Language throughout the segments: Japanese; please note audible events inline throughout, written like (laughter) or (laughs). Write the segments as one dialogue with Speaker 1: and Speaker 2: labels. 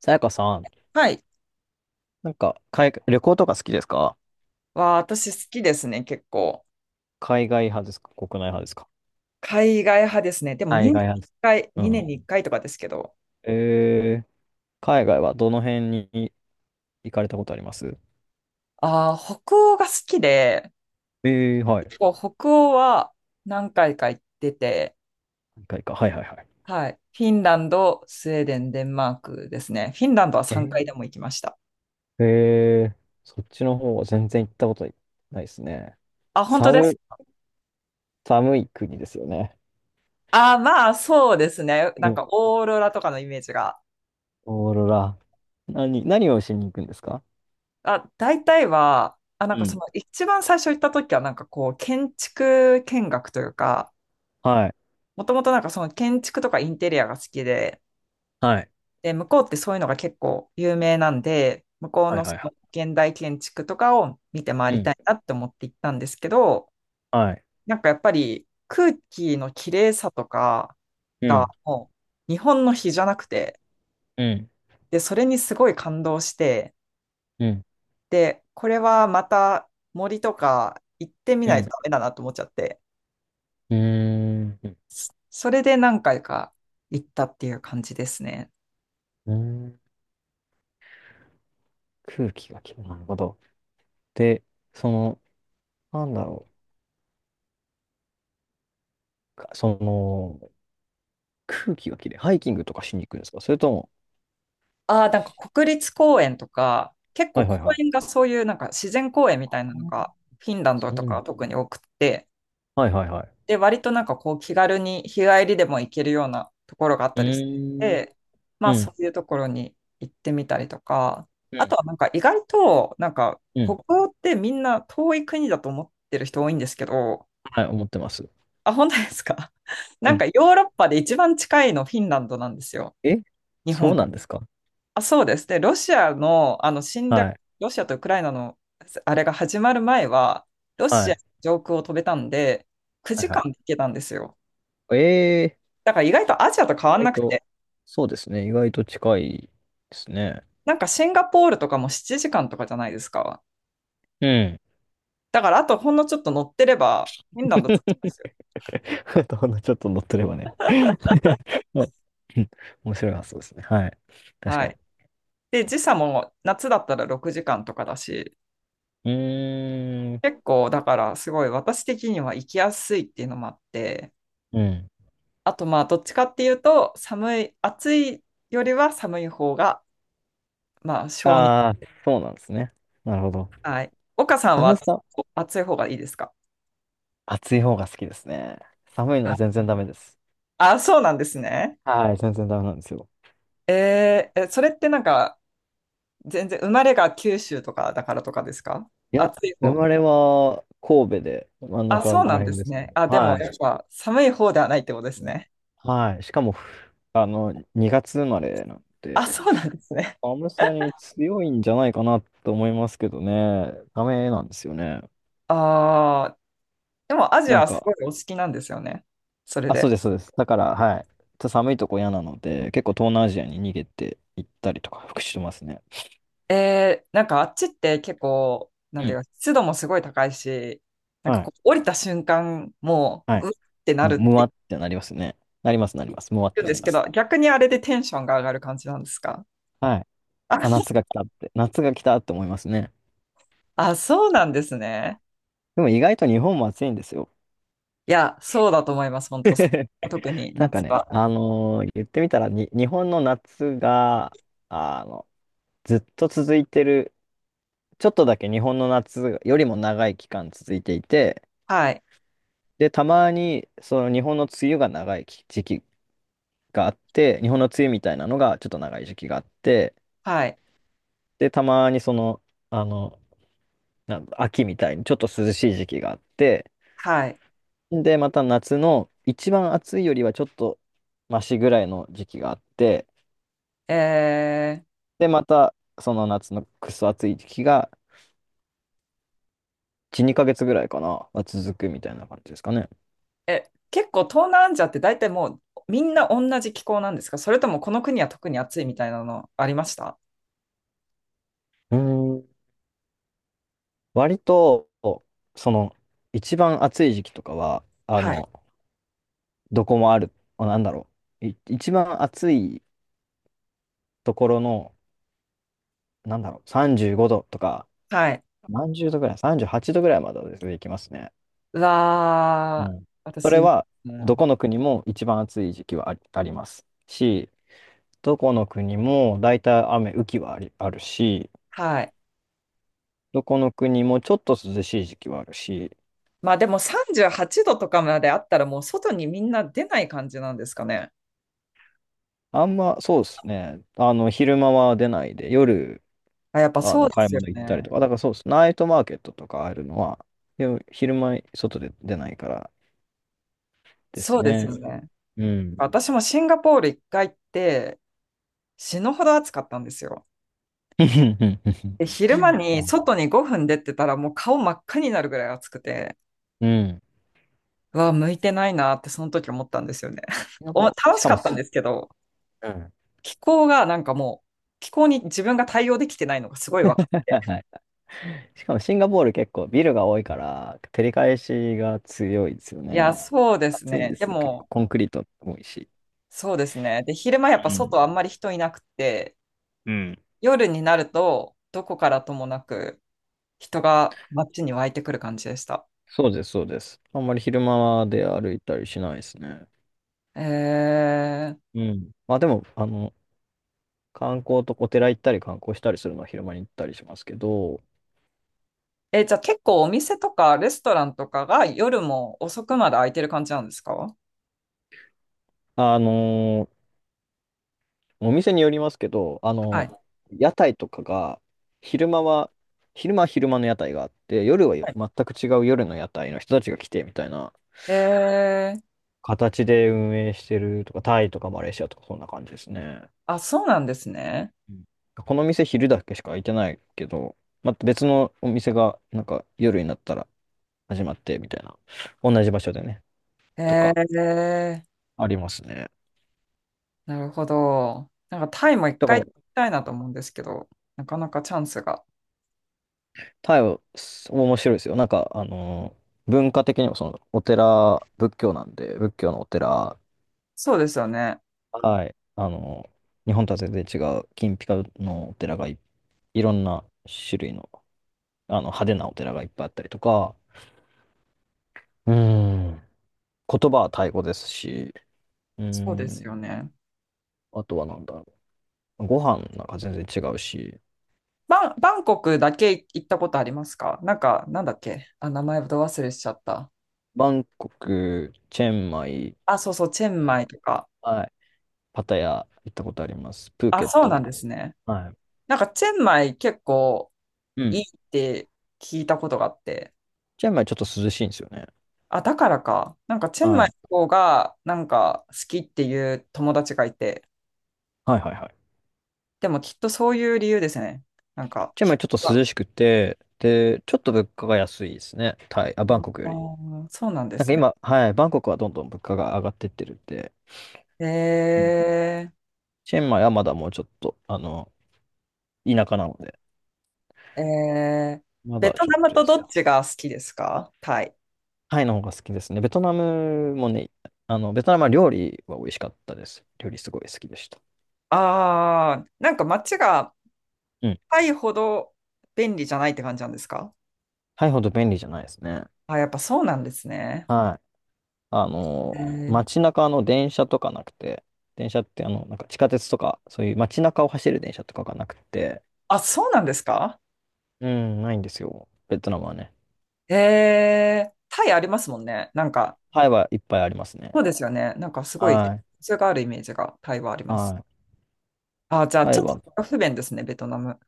Speaker 1: さやかさん、
Speaker 2: はい。
Speaker 1: なんか、海外、旅行とか好きですか？
Speaker 2: 私好きですね、結構。
Speaker 1: 海外派ですか、国内派ですか？
Speaker 2: 海外派ですね。でも
Speaker 1: 海
Speaker 2: 2年に
Speaker 1: 外派です。
Speaker 2: 1回、
Speaker 1: う
Speaker 2: 2年
Speaker 1: ん。
Speaker 2: に1回とかですけど。
Speaker 1: えー、海外はどの辺に行かれたことあります？
Speaker 2: ああ、北欧が好きで、
Speaker 1: はい。
Speaker 2: 結構北欧は何回か行ってて、
Speaker 1: 何回か。はいはいはい。
Speaker 2: はい。フィンランド、スウェーデン、デンマークですね。フィンランドは
Speaker 1: え
Speaker 2: 3回でも行きました。
Speaker 1: ー、えーそっちの方は全然行ったことないですね。
Speaker 2: あ、本当で
Speaker 1: 寒、
Speaker 2: す
Speaker 1: 寒い国ですよね。
Speaker 2: ああー、まあ、そうですね。な
Speaker 1: う
Speaker 2: ん
Speaker 1: ん。
Speaker 2: か、オーロラとかのイメージが。
Speaker 1: オーロラ。何をしに行くんですか？
Speaker 2: あ、大体は、あ、な
Speaker 1: う
Speaker 2: んかそ
Speaker 1: ん。
Speaker 2: の一番最初行った時は、なんかこう、建築見学というか、
Speaker 1: はい。
Speaker 2: もともとなんかその建築とかインテリアが好きで、
Speaker 1: はい。
Speaker 2: で、向こうってそういうのが結構有名なんで、向こう
Speaker 1: はい
Speaker 2: のそ
Speaker 1: はい
Speaker 2: の
Speaker 1: は
Speaker 2: 現代建築とかを見て回
Speaker 1: い。う
Speaker 2: りたい
Speaker 1: ん。
Speaker 2: なって思って行ったんですけど、
Speaker 1: はい。
Speaker 2: なんかやっぱり空気の綺麗さとか
Speaker 1: う
Speaker 2: が
Speaker 1: ん。
Speaker 2: もう日本の比じゃなくて、
Speaker 1: うん。
Speaker 2: で、それにすごい感動して、
Speaker 1: うん。
Speaker 2: で、これはまた森とか行ってみ
Speaker 1: う
Speaker 2: ないと
Speaker 1: ん。
Speaker 2: ダメだなと思っちゃって、
Speaker 1: うーん。
Speaker 2: それで何回か行ったっていう感じですね。
Speaker 1: うーん、空気がきれい。なるほど。で、その、なんだろう。かその、空気がきれい。ハイキングとかしに行くんですか、それとも？
Speaker 2: ああ、なんか国立公園とか、結
Speaker 1: は
Speaker 2: 構
Speaker 1: いは
Speaker 2: 公
Speaker 1: いは
Speaker 2: 園
Speaker 1: い。
Speaker 2: がそういうなんか自然公園み
Speaker 1: あ、
Speaker 2: たいなのがフィンランド
Speaker 1: そう
Speaker 2: と
Speaker 1: な
Speaker 2: か
Speaker 1: の？
Speaker 2: は特に多くって、
Speaker 1: はいはいはい。
Speaker 2: で、割となんかこう気軽に日帰りでも行けるようなところがあっ
Speaker 1: う
Speaker 2: たりし
Speaker 1: ーん、
Speaker 2: て、ま
Speaker 1: う
Speaker 2: あそ
Speaker 1: ん、
Speaker 2: ういうところに行ってみたりとか、
Speaker 1: う
Speaker 2: あ
Speaker 1: ん、
Speaker 2: とはなんか意外となんか
Speaker 1: うん。
Speaker 2: 北欧ってみんな遠い国だと思ってる人多いんですけど、
Speaker 1: はい、思ってます。
Speaker 2: あ、本当ですか？ (laughs) な
Speaker 1: う
Speaker 2: ん
Speaker 1: ん。
Speaker 2: かヨーロッパで一番近いのフィンランドなんですよ。
Speaker 1: え、
Speaker 2: 日
Speaker 1: そう
Speaker 2: 本
Speaker 1: な
Speaker 2: から。
Speaker 1: んですか？
Speaker 2: あ、そうです。で、ロシアの、あの侵
Speaker 1: は
Speaker 2: 略、
Speaker 1: い、
Speaker 2: ロシアとウクライナのあれが始まる前は、ロ
Speaker 1: は
Speaker 2: シア
Speaker 1: い、
Speaker 2: 上空を飛べたんで、
Speaker 1: はい
Speaker 2: 9時間
Speaker 1: は
Speaker 2: で行けたんですよ。
Speaker 1: い。
Speaker 2: だから意外とアジアと変わ
Speaker 1: 意
Speaker 2: ん
Speaker 1: 外
Speaker 2: なくて、
Speaker 1: と、そうですね。意外と近いですね。
Speaker 2: なんかシンガポールとかも7時間とかじゃないですか。
Speaker 1: うん。
Speaker 2: だからあとほんのちょっと乗ってれば、フィンランド着くんで
Speaker 1: (laughs)
Speaker 2: すよ。
Speaker 1: (laughs) とほんのちょっと乗ってればね。(laughs) うん、面白い発想ですね。はい。確
Speaker 2: は
Speaker 1: かに。
Speaker 2: い。で、時差も夏だったら6時間とかだし、
Speaker 1: うーん。
Speaker 2: 結構だからすごい私的には行きやすいっていうのもあって、
Speaker 1: うん。
Speaker 2: あとまあどっちかっていうと、寒い、暑いよりは寒い方がまあ、小児。
Speaker 1: ああ、そうなんですね。なるほど。
Speaker 2: はい。岡さん
Speaker 1: 寒
Speaker 2: は
Speaker 1: さ、
Speaker 2: 暑い方がいいですか？
Speaker 1: 暑い方が好きですね。寒いの
Speaker 2: は
Speaker 1: は全
Speaker 2: い。
Speaker 1: 然ダメです。
Speaker 2: あ、そうなんですね。
Speaker 1: はい、全然ダメなんですよ。
Speaker 2: えーえ、それってなんか、全然生まれが九州とかだからとかですか？
Speaker 1: いや、
Speaker 2: 暑い
Speaker 1: 生
Speaker 2: 方。
Speaker 1: まれは神戸で、真ん
Speaker 2: あ、
Speaker 1: 中
Speaker 2: そうな
Speaker 1: ら
Speaker 2: ん
Speaker 1: へ
Speaker 2: で
Speaker 1: んで
Speaker 2: す
Speaker 1: すけ
Speaker 2: ね。
Speaker 1: ど。
Speaker 2: あ、でも
Speaker 1: は
Speaker 2: や
Speaker 1: い。
Speaker 2: っぱ寒い方ではないってことですね。
Speaker 1: はい。しかも、ふあの、2月生まれなん
Speaker 2: あ、
Speaker 1: で、
Speaker 2: そうなんですね。
Speaker 1: アムサに強いんじゃないかなと思いますけどね。ダメなんですよね。
Speaker 2: ああ、でもアジ
Speaker 1: な
Speaker 2: ア
Speaker 1: ん
Speaker 2: はすご
Speaker 1: か、
Speaker 2: いお好きなんですよね。それ
Speaker 1: あ、そう
Speaker 2: で。
Speaker 1: です、そうです。だから、はい。ちょっと寒いとこ嫌なので、結構東南アジアに逃げて行ったりとか、復してますね。
Speaker 2: えーなんかあっちって結構、なん
Speaker 1: う
Speaker 2: てい
Speaker 1: ん。
Speaker 2: うか、湿度もすごい高いし、なんか
Speaker 1: は
Speaker 2: こ
Speaker 1: い。
Speaker 2: う降りた瞬間、も
Speaker 1: は
Speaker 2: う、う
Speaker 1: い。
Speaker 2: ってな
Speaker 1: む
Speaker 2: るっ
Speaker 1: むわ
Speaker 2: て
Speaker 1: ってなりますね。なります、なります。むわっ
Speaker 2: るん
Speaker 1: てな
Speaker 2: で
Speaker 1: り
Speaker 2: す
Speaker 1: ま
Speaker 2: けど、
Speaker 1: す。
Speaker 2: 逆にあれでテンションが上がる感じなんですか？
Speaker 1: はい。
Speaker 2: あ、
Speaker 1: あ、
Speaker 2: (laughs)
Speaker 1: 夏が来たって。夏が来たって思いますね。
Speaker 2: あ、そうなんですね。
Speaker 1: でも意外と日本も暑いんですよ。
Speaker 2: いや、そうだと思います、本当、さ特に
Speaker 1: なん
Speaker 2: 夏
Speaker 1: かね、
Speaker 2: は。
Speaker 1: 言ってみたらに、日本の夏が、あの、ずっと続いてる、ちょっとだけ日本の夏よりも長い期間続いていて、
Speaker 2: はい、
Speaker 1: で、たまにその日本の梅雨が長い期時期があって、日本の梅雨みたいなのがちょっと長い時期があって、
Speaker 2: はい、
Speaker 1: で、たまにその、あの、なん秋みたいにちょっと涼しい時期があって、
Speaker 2: はい。
Speaker 1: で、また夏の一番暑いよりはちょっとマシぐらいの時期があって、
Speaker 2: えー
Speaker 1: で、またその夏のクソ暑い時期が1、2ヶ月ぐらいかな、は続くみたいな感じですかね。
Speaker 2: え、結構東南アジアって大体もうみんな同じ気候なんですか？それともこの国は特に暑いみたいなのありました？
Speaker 1: うーん、割と、その、一番暑い時期とかは、
Speaker 2: はい、
Speaker 1: どこもある、あ、なんだろう、い一番暑いところの、なんだろう、35度とか、
Speaker 2: はい。
Speaker 1: 何十度ぐらい、38度ぐらいまではですね、いきますね。
Speaker 2: う
Speaker 1: う
Speaker 2: わー、
Speaker 1: ん。そ
Speaker 2: 私、
Speaker 1: れ
Speaker 2: う
Speaker 1: は、ど
Speaker 2: ん、
Speaker 1: この国も一番暑い時期はあり、ありますし、どこの国も大体雨、雨季はあり、あるし、
Speaker 2: はい。
Speaker 1: どこの国もちょっと涼しい時期はあるし、
Speaker 2: まあでも38度とかまであったらもう外にみんな出ない感じなんですかね。
Speaker 1: あんま、そうですね。昼間は出ないで、夜
Speaker 2: あ、やっぱそうで
Speaker 1: 買い
Speaker 2: すよ
Speaker 1: 物行ったり
Speaker 2: ね。
Speaker 1: とか。だからそうです。ナイトマーケットとかあるのは、よ昼間外で出ないからです
Speaker 2: そうです
Speaker 1: ね。
Speaker 2: よね。
Speaker 1: うん。
Speaker 2: 私もシンガポール一回行って死ぬほど暑かったんですよ。で、
Speaker 1: (laughs) はい、
Speaker 2: 昼間に外に5分出てたらもう顔真っ赤になるぐらい暑くて、
Speaker 1: うん。
Speaker 2: うわ、向いてないなってその時思ったんですよね。(laughs)
Speaker 1: シンガ
Speaker 2: お、
Speaker 1: ポール、
Speaker 2: 楽
Speaker 1: し
Speaker 2: し
Speaker 1: か
Speaker 2: か
Speaker 1: も
Speaker 2: ったん
Speaker 1: し、
Speaker 2: ですけど、
Speaker 1: うん。は
Speaker 2: 気候がなんかもう、気候に自分が対応できてないのがすごいわかっ
Speaker 1: い
Speaker 2: た。
Speaker 1: はい、しかもシンガポール結構ビルが多いから、照り返しが強いですよ
Speaker 2: いや、
Speaker 1: ね。
Speaker 2: そうです
Speaker 1: 暑いん
Speaker 2: ね。
Speaker 1: で
Speaker 2: で
Speaker 1: すよ。結構
Speaker 2: も、
Speaker 1: コンクリート多いし。
Speaker 2: そうですね。で、昼間やっぱ
Speaker 1: うん。
Speaker 2: 外あんまり人いなくて、
Speaker 1: うん。
Speaker 2: 夜になるとどこからともなく、人が街に湧いてくる感じでした。
Speaker 1: そうです、そうです。あんまり昼間で歩いたりしないですね。
Speaker 2: えー、
Speaker 1: うん。まあでも、観光とお寺行ったり観光したりするのは昼間に行ったりしますけど、
Speaker 2: え、じゃあ結構お店とかレストランとかが夜も遅くまで開いてる感じなんですか？
Speaker 1: あのーお店によりますけど、
Speaker 2: はい。
Speaker 1: 屋台とかが、昼間は、昼間は昼間の屋台があって、夜は全
Speaker 2: はい。
Speaker 1: く違う夜の屋台の人たちが来てみたいな
Speaker 2: えー、
Speaker 1: 形で運営してるとか、タイとかマレーシアとかそんな感じですね。
Speaker 2: あ、そうなんですね。
Speaker 1: うん、この店昼だけしか開いてないけど、また別のお店がなんか夜になったら始まってみたいな、同じ場所でね、と
Speaker 2: え
Speaker 1: か
Speaker 2: ー、
Speaker 1: ありますね。
Speaker 2: なるほど。なんかタイも一
Speaker 1: だか
Speaker 2: 回行
Speaker 1: ら
Speaker 2: きたいなと思うんですけど、なかなかチャンスが。
Speaker 1: タイはす面白いですよ。なんか、文化的にもその、お寺、仏教なんで、仏教のお寺、
Speaker 2: そうですよね。
Speaker 1: はい、日本とは全然違う、金ピカのお寺がい、いろんな種類の、派手なお寺がいっぱいあったりとか、うーん、言葉はタイ語ですし、うー
Speaker 2: そうですよ
Speaker 1: ん、
Speaker 2: ね。
Speaker 1: あとはなんだろう、ご飯なんか全然違うし、
Speaker 2: バンコクだけ行ったことありますか？なんか、なんだっけ。あ、名前ど忘れしちゃった。
Speaker 1: バンコク、チェンマイ、
Speaker 2: あ、そうそう、チェンマイとか。
Speaker 1: はい、パタヤ行ったことあります。プー
Speaker 2: あ、
Speaker 1: ケッ
Speaker 2: そう
Speaker 1: トも
Speaker 2: なん
Speaker 1: 行っ、
Speaker 2: ですね。
Speaker 1: はい。
Speaker 2: なんか、チェンマイ結構
Speaker 1: う
Speaker 2: いい
Speaker 1: ん、
Speaker 2: って聞いたことがあって。
Speaker 1: チェンマイちょっと涼しいんですよね。
Speaker 2: あ、だからか。なんか、チェンマ
Speaker 1: は
Speaker 2: イ
Speaker 1: い。
Speaker 2: の方が、なんか、好きっていう友達がいて。
Speaker 1: はいはいはい。
Speaker 2: でも、きっとそういう理由ですね。なんか、
Speaker 1: チェン
Speaker 2: 聞
Speaker 1: マ
Speaker 2: く
Speaker 1: イちょっと
Speaker 2: か。
Speaker 1: 涼しくて、で、ちょっと物価が安いですね。タイ、あ、バンコク
Speaker 2: あ
Speaker 1: より。
Speaker 2: ーそうなんで
Speaker 1: なんか
Speaker 2: すね。
Speaker 1: 今、はい、バンコクはどんどん物価が上がってってるんで、うん、
Speaker 2: え
Speaker 1: チェンマイはまだもうちょっと、田舎なので、
Speaker 2: ー、えー、
Speaker 1: ま
Speaker 2: ベ
Speaker 1: だ
Speaker 2: ト
Speaker 1: ちょっ
Speaker 2: ナム
Speaker 1: と
Speaker 2: とど
Speaker 1: 安
Speaker 2: っ
Speaker 1: い。
Speaker 2: ちが好きですか？タイ。
Speaker 1: タイの方が好きですね。ベトナムもね、ベトナムは料理は美味しかったです。料理すごい好きでした。
Speaker 2: ああ、なんか街が
Speaker 1: うん。
Speaker 2: タイほど便利じゃないって感じなんですか？
Speaker 1: タイほど便利じゃないですね。
Speaker 2: あ、やっぱそうなんですね。
Speaker 1: はい。あ
Speaker 2: え
Speaker 1: の、
Speaker 2: ー。
Speaker 1: 街中の電車とかなくて、電車ってあの、なんか地下鉄とか、そういう街中を走る電車とかがなくて、
Speaker 2: あ、そうなんですか？
Speaker 1: うん、ないんですよ。ベトナムはね。
Speaker 2: ええ、タイありますもんね。なんか、
Speaker 1: タイはいっぱいあります
Speaker 2: そ
Speaker 1: ね。
Speaker 2: うですよね。なんかすごい、普
Speaker 1: はい。
Speaker 2: 通があるイメージがタイはあります。
Speaker 1: はい。
Speaker 2: あ、じゃあ、
Speaker 1: タ
Speaker 2: ち
Speaker 1: イ
Speaker 2: ょっ
Speaker 1: は、
Speaker 2: と不便ですね、ベトナム。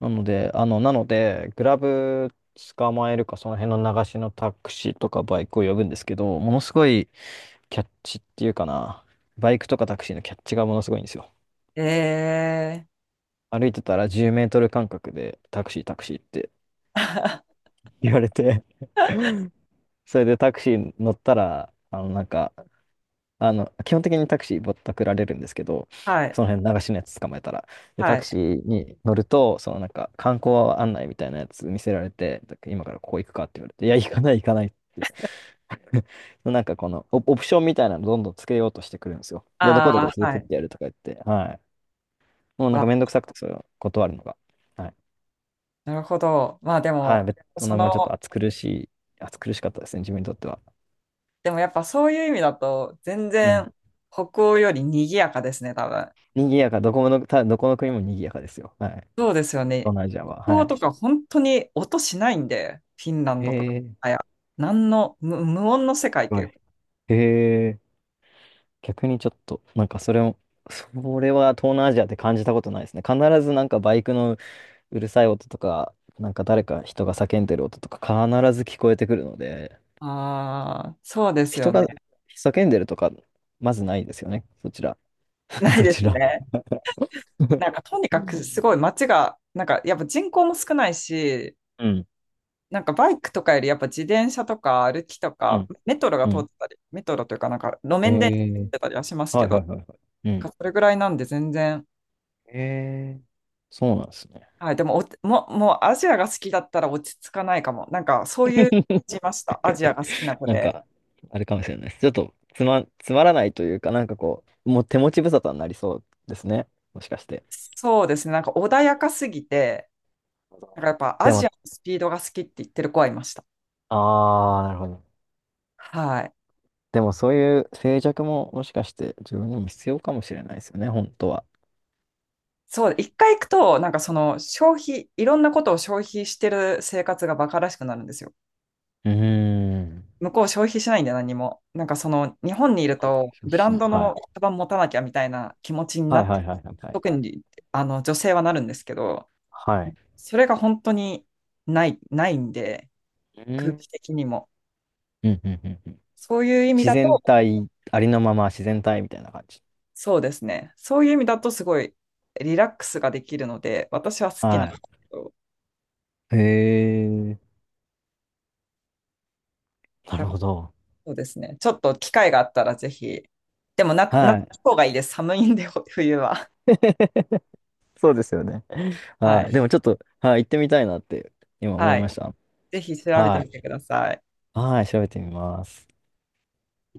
Speaker 1: なので、グラブ捕まえるか、その辺の流しのタクシーとかバイクを呼ぶんですけど、ものすごいキャッチっていうかな、バイクとかタクシーのキャッチがものすごいんですよ。
Speaker 2: ええ、
Speaker 1: 歩いてたら10メートル間隔でタクシータクシーって
Speaker 2: (laughs)
Speaker 1: 言われて、 (laughs) それでタクシー乗ったら、基本的にタクシーぼったくられるんですけど、
Speaker 2: はい、
Speaker 1: その辺流しのやつ捕まえたら。で、タ
Speaker 2: は
Speaker 1: ク
Speaker 2: い。
Speaker 1: シーに乗ると、そのなんか観光案内みたいなやつ見せられて、今からここ行くかって言われて、いや、行かない行かないって。(laughs) なんかこのオプションみたいなのどんどんつけようとしてくるんですよ。で、どこどこ
Speaker 2: ああ
Speaker 1: 連れ
Speaker 2: は
Speaker 1: てっ
Speaker 2: い。
Speaker 1: てやるとか言って、はい。もうなん
Speaker 2: わ、
Speaker 1: かめんどくさくて、それを断るのが。はい。
Speaker 2: なるほど。まあで
Speaker 1: は
Speaker 2: も、
Speaker 1: い。ベト
Speaker 2: そ
Speaker 1: ナム
Speaker 2: の、
Speaker 1: はちょっと暑苦しい、暑苦しかったですね、自分にとっては。
Speaker 2: でもやっぱそういう意味だと、全
Speaker 1: うん。
Speaker 2: 然北欧より賑やかですね、多分。
Speaker 1: 賑やか、どこの国も賑やかですよ。はい。
Speaker 2: そうですよ
Speaker 1: 東
Speaker 2: ね。
Speaker 1: 南アジアは。
Speaker 2: 北
Speaker 1: は
Speaker 2: 欧
Speaker 1: い。
Speaker 2: とか本当に音しないんで、フィンランドとか。
Speaker 1: へえ、す
Speaker 2: あいや、何の無、無音の世界って
Speaker 1: ご
Speaker 2: いう
Speaker 1: い。
Speaker 2: か。
Speaker 1: へえ、逆にちょっと、なんかそれも、それは東南アジアって感じたことないですね。必ずなんかバイクのうるさい音とか、なんか誰か人が叫んでる音とか必ず聞こえてくるので、
Speaker 2: ああ、そうですよ
Speaker 1: 人
Speaker 2: ね。
Speaker 1: が
Speaker 2: (laughs)
Speaker 1: 叫んでるとか、まずないですよね。そちら。(laughs)
Speaker 2: ない
Speaker 1: そ
Speaker 2: で
Speaker 1: ち
Speaker 2: す
Speaker 1: ら。
Speaker 2: ね。なんかとに
Speaker 1: う
Speaker 2: かくす
Speaker 1: ん、
Speaker 2: ごい街が、なんかやっぱ人口も少ないし、
Speaker 1: うん、
Speaker 2: なんかバイクとかよりやっぱ自転車とか歩きと
Speaker 1: う
Speaker 2: か、
Speaker 1: ん。
Speaker 2: メトロが
Speaker 1: う
Speaker 2: 通って
Speaker 1: ん、
Speaker 2: たり、メトロというかなんか路
Speaker 1: へ
Speaker 2: 面電車が通っ
Speaker 1: え、
Speaker 2: てたりはします
Speaker 1: は
Speaker 2: け
Speaker 1: い
Speaker 2: ど、
Speaker 1: はいはいはい。う
Speaker 2: な
Speaker 1: ん。
Speaker 2: んかそれぐらいなんで全然、
Speaker 1: へえ、そうなんですね。
Speaker 2: はい、でももうアジアが好きだったら落ち着かないかも。なんかそういう感
Speaker 1: (laughs)
Speaker 2: じました。アジアが好きな子
Speaker 1: なん
Speaker 2: で。
Speaker 1: か、あれかもしれないです。ちょっとつまらないというか、なんかこう、もう手持ち無沙汰になりそうですね。もしかして。
Speaker 2: そうですね。なんか穏やかすぎて、なんかやっぱア
Speaker 1: で
Speaker 2: ジア
Speaker 1: も、
Speaker 2: のスピードが好きって言ってる子はいました。
Speaker 1: ああ、なるほど。
Speaker 2: はい。
Speaker 1: でもそういう静寂ももしかして自分にも必要かもしれないですよね、本当は。
Speaker 2: そう、一回行くと、なんかその消費、いろんなことを消費してる生活がバカらしくなるんですよ。
Speaker 1: うーん。
Speaker 2: 向こう消費しないんで何も。なんかその日本にいる
Speaker 1: はい。
Speaker 2: と、
Speaker 1: 消費
Speaker 2: ブラ
Speaker 1: し
Speaker 2: ン
Speaker 1: ない。
Speaker 2: ド
Speaker 1: は
Speaker 2: の
Speaker 1: い。
Speaker 2: カバン持たなきゃみたいな気持ちにな
Speaker 1: はい
Speaker 2: っ
Speaker 1: は
Speaker 2: て、
Speaker 1: いはいはいはい。
Speaker 2: 特にあの女性はなるんですけど、
Speaker 1: はい。
Speaker 2: それが本当にない、ないんで、
Speaker 1: うー
Speaker 2: 空
Speaker 1: ん。
Speaker 2: 気的にも。
Speaker 1: うんうんうんうん。
Speaker 2: そういう意味
Speaker 1: 自
Speaker 2: だ
Speaker 1: 然
Speaker 2: と、
Speaker 1: 体、ありのまま自然体みたいな感じ。
Speaker 2: そうですね。そういう意味だとすごいリラックスができるので、私は好きなんで
Speaker 1: は
Speaker 2: すけど、
Speaker 1: い。へえ。な
Speaker 2: だ
Speaker 1: るほど。
Speaker 2: そうですね。ちょっと機会があったらぜひ。でもな、夏の
Speaker 1: はい。
Speaker 2: 方がいいです。寒いんで、冬は。
Speaker 1: (laughs) そうですよね。
Speaker 2: は
Speaker 1: はい。で
Speaker 2: い。
Speaker 1: もちょっと、はい、行ってみたいなって今思い
Speaker 2: はい。
Speaker 1: ました。
Speaker 2: ぜひ調べて
Speaker 1: は
Speaker 2: みて
Speaker 1: い。
Speaker 2: ください。
Speaker 1: はい、調べてみます。